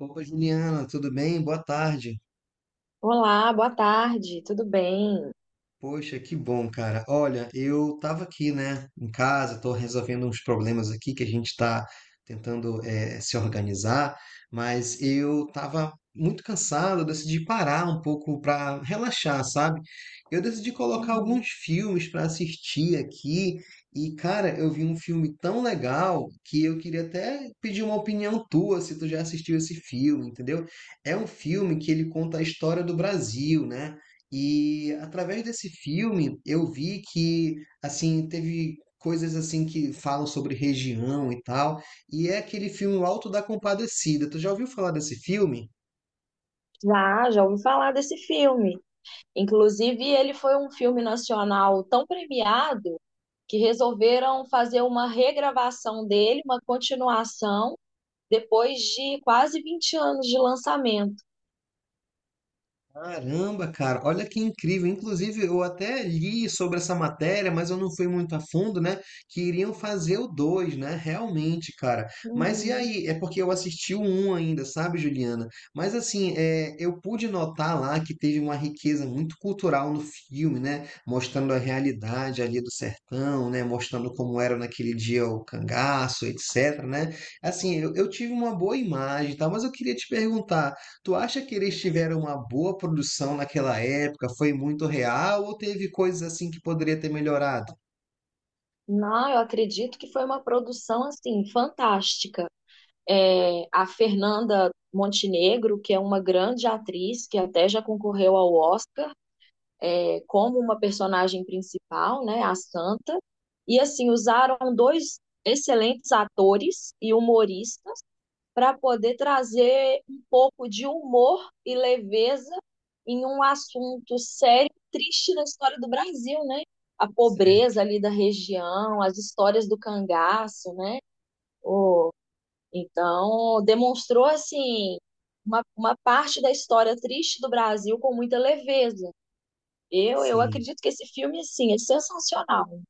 Opa, Juliana, tudo bem? Boa tarde. Olá, boa tarde, tudo bem? Poxa, que bom, cara. Olha, eu tava aqui, né, em casa, tô resolvendo uns problemas aqui que a gente tá tentando se organizar, mas eu tava muito cansado, eu decidi parar um pouco pra relaxar, sabe? Eu decidi colocar Uhum. alguns filmes pra assistir aqui e, cara, eu vi um filme tão legal que eu queria até pedir uma opinião tua se tu já assistiu esse filme, entendeu? É um filme que ele conta a história do Brasil, né? E através desse filme eu vi que assim teve coisas assim que falam sobre região e tal, e é aquele filme O Alto da Compadecida. Tu já ouviu falar desse filme? Já, já ouvi falar desse filme. Inclusive, ele foi um filme nacional tão premiado que resolveram fazer uma regravação dele, uma continuação, depois de quase 20 anos de lançamento. Caramba, cara, olha que incrível. Inclusive, eu até li sobre essa matéria, mas eu não fui muito a fundo, né? Que iriam fazer o 2, né? Realmente, cara. Mas e Uhum. aí? É porque eu assisti o 1 ainda, sabe, Juliana? Mas assim, é, eu pude notar lá que teve uma riqueza muito cultural no filme, né? Mostrando a realidade ali do sertão, né? Mostrando como era naquele dia o cangaço, etc, né? Assim, eu tive uma boa imagem, tá? Mas eu queria te perguntar. Tu acha que eles tiveram uma boa produção naquela época? Foi muito real ou teve coisas assim que poderia ter melhorado? Não, eu acredito que foi uma produção assim fantástica. É, a Fernanda Montenegro, que é uma grande atriz, que até já concorreu ao Oscar, é, como uma personagem principal, né, a Santa, e assim usaram dois excelentes atores e humoristas para poder trazer um pouco de humor e leveza em um assunto sério e triste da história do Brasil, né? A Certo. pobreza ali da região, as histórias do cangaço, né? Então, demonstrou assim uma parte da história triste do Brasil com muita leveza. Eu Sim. acredito que esse filme, assim, é sensacional.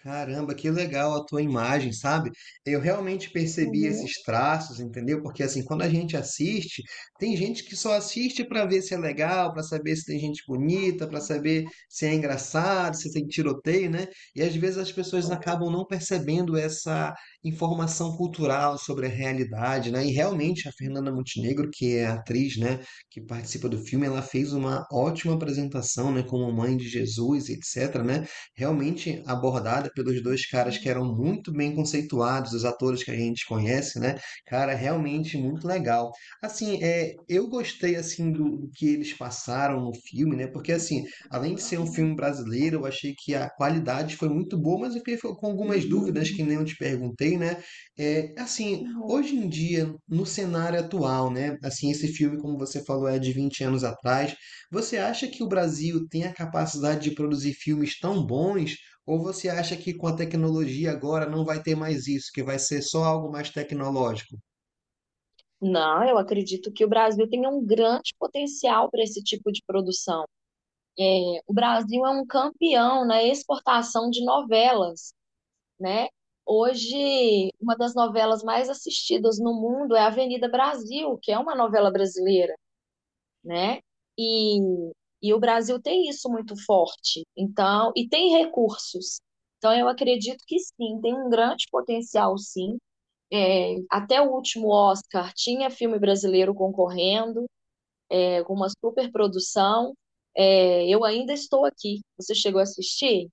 Caramba, que legal a tua imagem, sabe? Eu realmente percebi Uhum, esses traços, entendeu? Porque assim, quando a gente assiste, tem gente que só assiste para ver se é legal, para saber se tem gente bonita, para saber se é engraçado, se tem tiroteio, né? E às vezes as pessoas acabam não percebendo essa informação cultural sobre a realidade, né? E realmente a Fernanda Montenegro, que é a atriz, né, que participa do filme, ela fez uma ótima apresentação, né, como Mãe de Jesus, etc, né? Realmente abordada pelos dois caras que eram muito bem conceituados, os atores que a gente conhece, né? Cara, realmente muito legal. Assim, é, eu gostei assim do que eles passaram no filme, né? Porque assim, além de ser um filme brasileiro, eu achei que a qualidade foi muito boa, mas eu fiquei com algumas dúvidas que nem eu te perguntei, né? É, assim, uhum. hoje em dia, no cenário atual, né? Assim, esse filme, como você falou, é de 20 anos atrás. Você acha que o Brasil tem a capacidade de produzir filmes tão bons? Ou você acha que com a tecnologia agora não vai ter mais isso, que vai ser só algo mais tecnológico? Não, eu acredito que o Brasil tem um grande potencial para esse tipo de produção. O Brasil é um campeão na exportação de novelas, né? Hoje, uma das novelas mais assistidas no mundo é Avenida Brasil, que é uma novela brasileira, né? E, e o Brasil tem isso muito forte. Então, e tem recursos. Então, eu acredito que sim, tem um grande potencial, sim. É, até o último Oscar tinha filme brasileiro concorrendo, é, com uma superprodução. É, eu ainda estou aqui. Você chegou a assistir?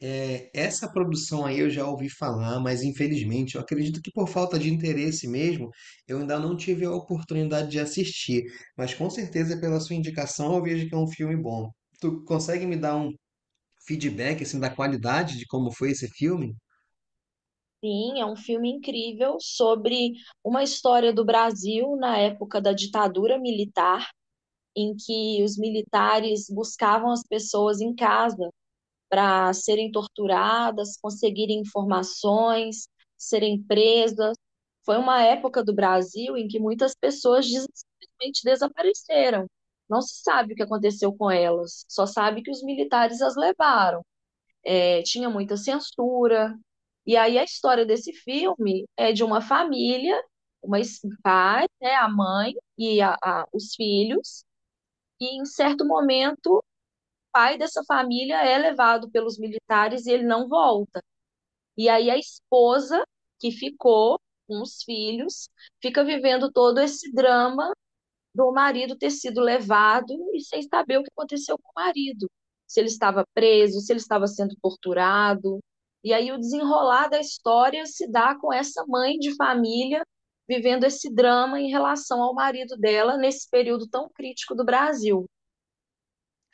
É, essa produção aí eu já ouvi falar, mas infelizmente eu acredito que por falta de interesse mesmo, eu ainda não tive a oportunidade de assistir. Mas com certeza pela sua indicação eu vejo que é um filme bom. Tu consegue me dar um feedback assim da qualidade de como foi esse filme? Sim, é um filme incrível sobre uma história do Brasil na época da ditadura militar, em que os militares buscavam as pessoas em casa para serem torturadas, conseguirem informações, serem presas. Foi uma época do Brasil em que muitas pessoas simplesmente desapareceram. Não se sabe o que aconteceu com elas, só sabe que os militares as levaram. É, tinha muita censura. E aí a história desse filme é de uma família, pai, né, a mãe e os filhos, e em certo momento pai dessa família é levado pelos militares e ele não volta. E aí a esposa, que ficou com os filhos, fica vivendo todo esse drama do marido ter sido levado e sem saber o que aconteceu com o marido. Se ele estava preso, se ele estava sendo torturado. E aí o desenrolar da história se dá com essa mãe de família vivendo esse drama em relação ao marido dela nesse período tão crítico do Brasil.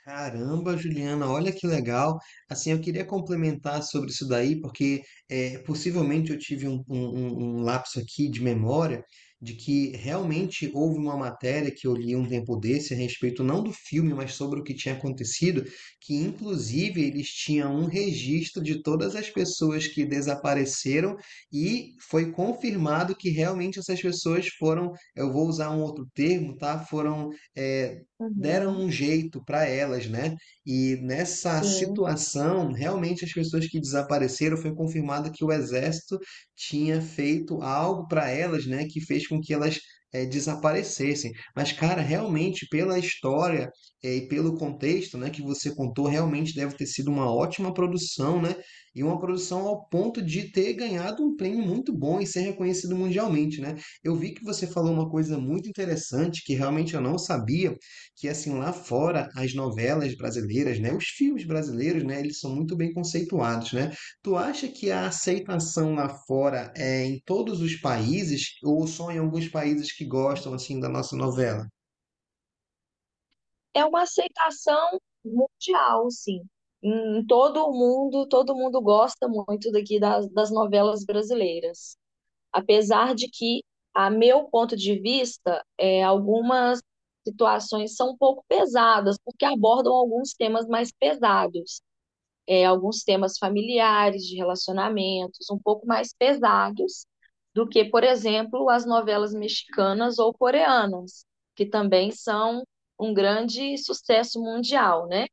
Caramba, Juliana, olha que legal. Assim, eu queria complementar sobre isso daí, porque é, possivelmente eu tive um lapso aqui de memória de que realmente houve uma matéria que eu li um tempo desse a respeito não do filme, mas sobre o que tinha acontecido, que inclusive eles tinham um registro de todas as pessoas que desapareceram e foi confirmado que realmente essas pessoas foram, eu vou usar um outro termo, tá? Foram é, deram Uhum. um jeito para elas, né? E nessa Sim. situação, realmente as pessoas que desapareceram foi confirmado que o exército tinha feito algo para elas, né? Que fez com que elas desaparecessem. Mas, cara, realmente pela história e pelo contexto, né, que você contou, realmente deve ter sido uma ótima produção, né? E uma produção ao ponto de ter ganhado um prêmio muito bom e ser reconhecido mundialmente, né? Eu vi que você falou uma coisa muito interessante que realmente eu não sabia que assim lá fora as novelas brasileiras, né, os filmes brasileiros, né, eles são muito bem conceituados, né? Tu acha que a aceitação lá fora é em todos os países ou só em alguns países que gostam assim da nossa novela? É uma aceitação mundial, sim. Em todo o mundo, todo mundo gosta muito daqui das novelas brasileiras. Apesar de que, a meu ponto de vista, é, algumas situações são um pouco pesadas, porque abordam alguns temas mais pesados é, alguns temas familiares, de relacionamentos, um pouco mais pesados do que, por exemplo, as novelas mexicanas ou coreanas, que também são um grande sucesso mundial, né?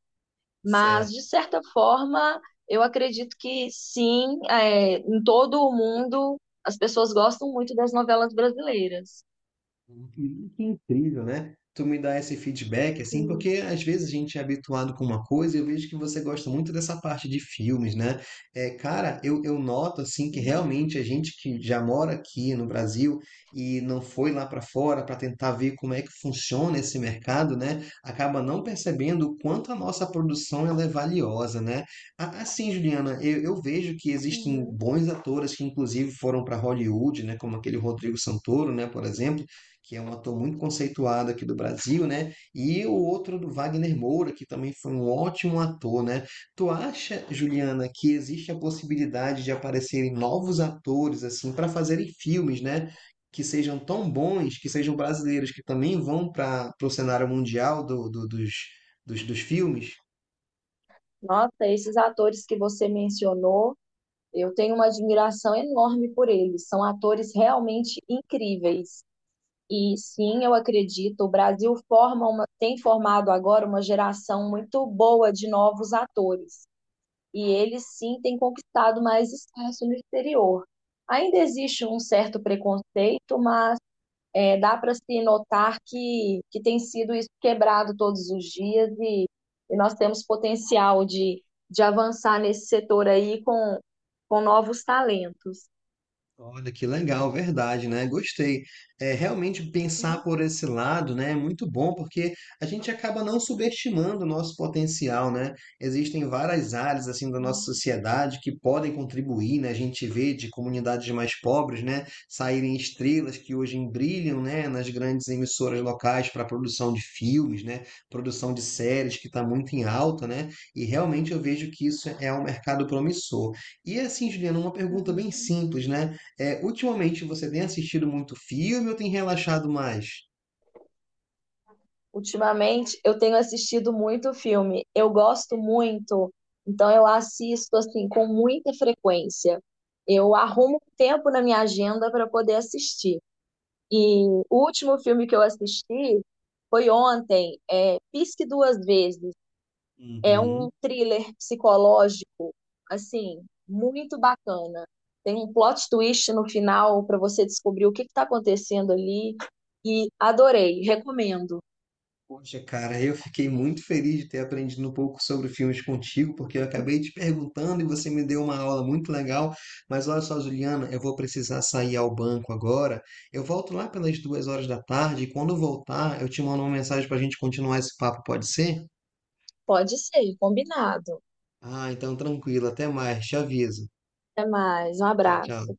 Mas, de Certo. certa forma, eu acredito que sim, é, em todo o mundo as pessoas gostam muito das novelas brasileiras. Que incrível, né? Tu me dá esse feedback, assim, Sim, porque às vezes a gente é habituado com uma coisa e eu vejo que você gosta muito dessa parte de filmes, né? É, cara, eu noto, assim, que sim. realmente a gente que já mora aqui no Brasil e não foi lá para fora para tentar ver como é que funciona esse mercado, né? Acaba não percebendo o quanto a nossa produção ela é valiosa, né? Assim, Juliana, eu vejo que existem Uhum. bons atores que, inclusive, foram para Hollywood, né? Como aquele Rodrigo Santoro, né? Por exemplo que é um ator muito conceituado aqui do Brasil, né? E o outro do Wagner Moura, que também foi um ótimo ator, né? Tu acha, Juliana, que existe a possibilidade de aparecerem novos atores assim para fazerem filmes, né? Que sejam tão bons, que sejam brasileiros, que também vão para o cenário mundial dos filmes? Nossa, esses atores que você mencionou. Eu tenho uma admiração enorme por eles. São atores realmente incríveis. E sim, eu acredito, o Brasil forma uma, tem formado agora uma geração muito boa de novos atores. E eles sim têm conquistado mais espaço no exterior. Ainda existe um certo preconceito, mas é, dá para se notar que tem sido isso quebrado todos os dias e nós temos potencial de avançar nesse setor aí com novos talentos. Olha que legal, verdade, né? Gostei. É, realmente pensar por esse lado, né, é muito bom porque a gente acaba não subestimando o nosso potencial, né? Existem várias áreas assim da nossa Uhum. sociedade que podem contribuir, né? A gente vê de comunidades mais pobres, né, saírem estrelas que hoje brilham, né, nas grandes emissoras locais para produção de filmes, né, produção de séries que está muito em alta, né? E realmente eu vejo que isso é um mercado promissor. E assim, Juliana, uma pergunta bem simples, né? É, ultimamente você tem assistido muito filme ou tem relaxado mais? Ultimamente, eu tenho assistido muito filme, eu gosto muito, então eu assisto assim com muita frequência. Eu arrumo tempo na minha agenda para poder assistir. E o último filme que eu assisti foi ontem, é Pisque Duas Vezes. É Uhum. um thriller psicológico, assim, muito bacana. Tem um plot twist no final para você descobrir o que está acontecendo ali. E adorei, recomendo. Poxa, cara, eu fiquei muito feliz de ter aprendido um pouco sobre filmes contigo, porque eu acabei te perguntando e você me deu uma aula muito legal. Mas olha só, Juliana, eu vou precisar sair ao banco agora. Eu volto lá pelas 2 horas da tarde e quando eu voltar, eu te mando uma mensagem para a gente continuar esse papo, pode ser? Pode ser, combinado. Ah, então tranquilo, até mais, te aviso. Até mais, um Tchau, tchau. abraço.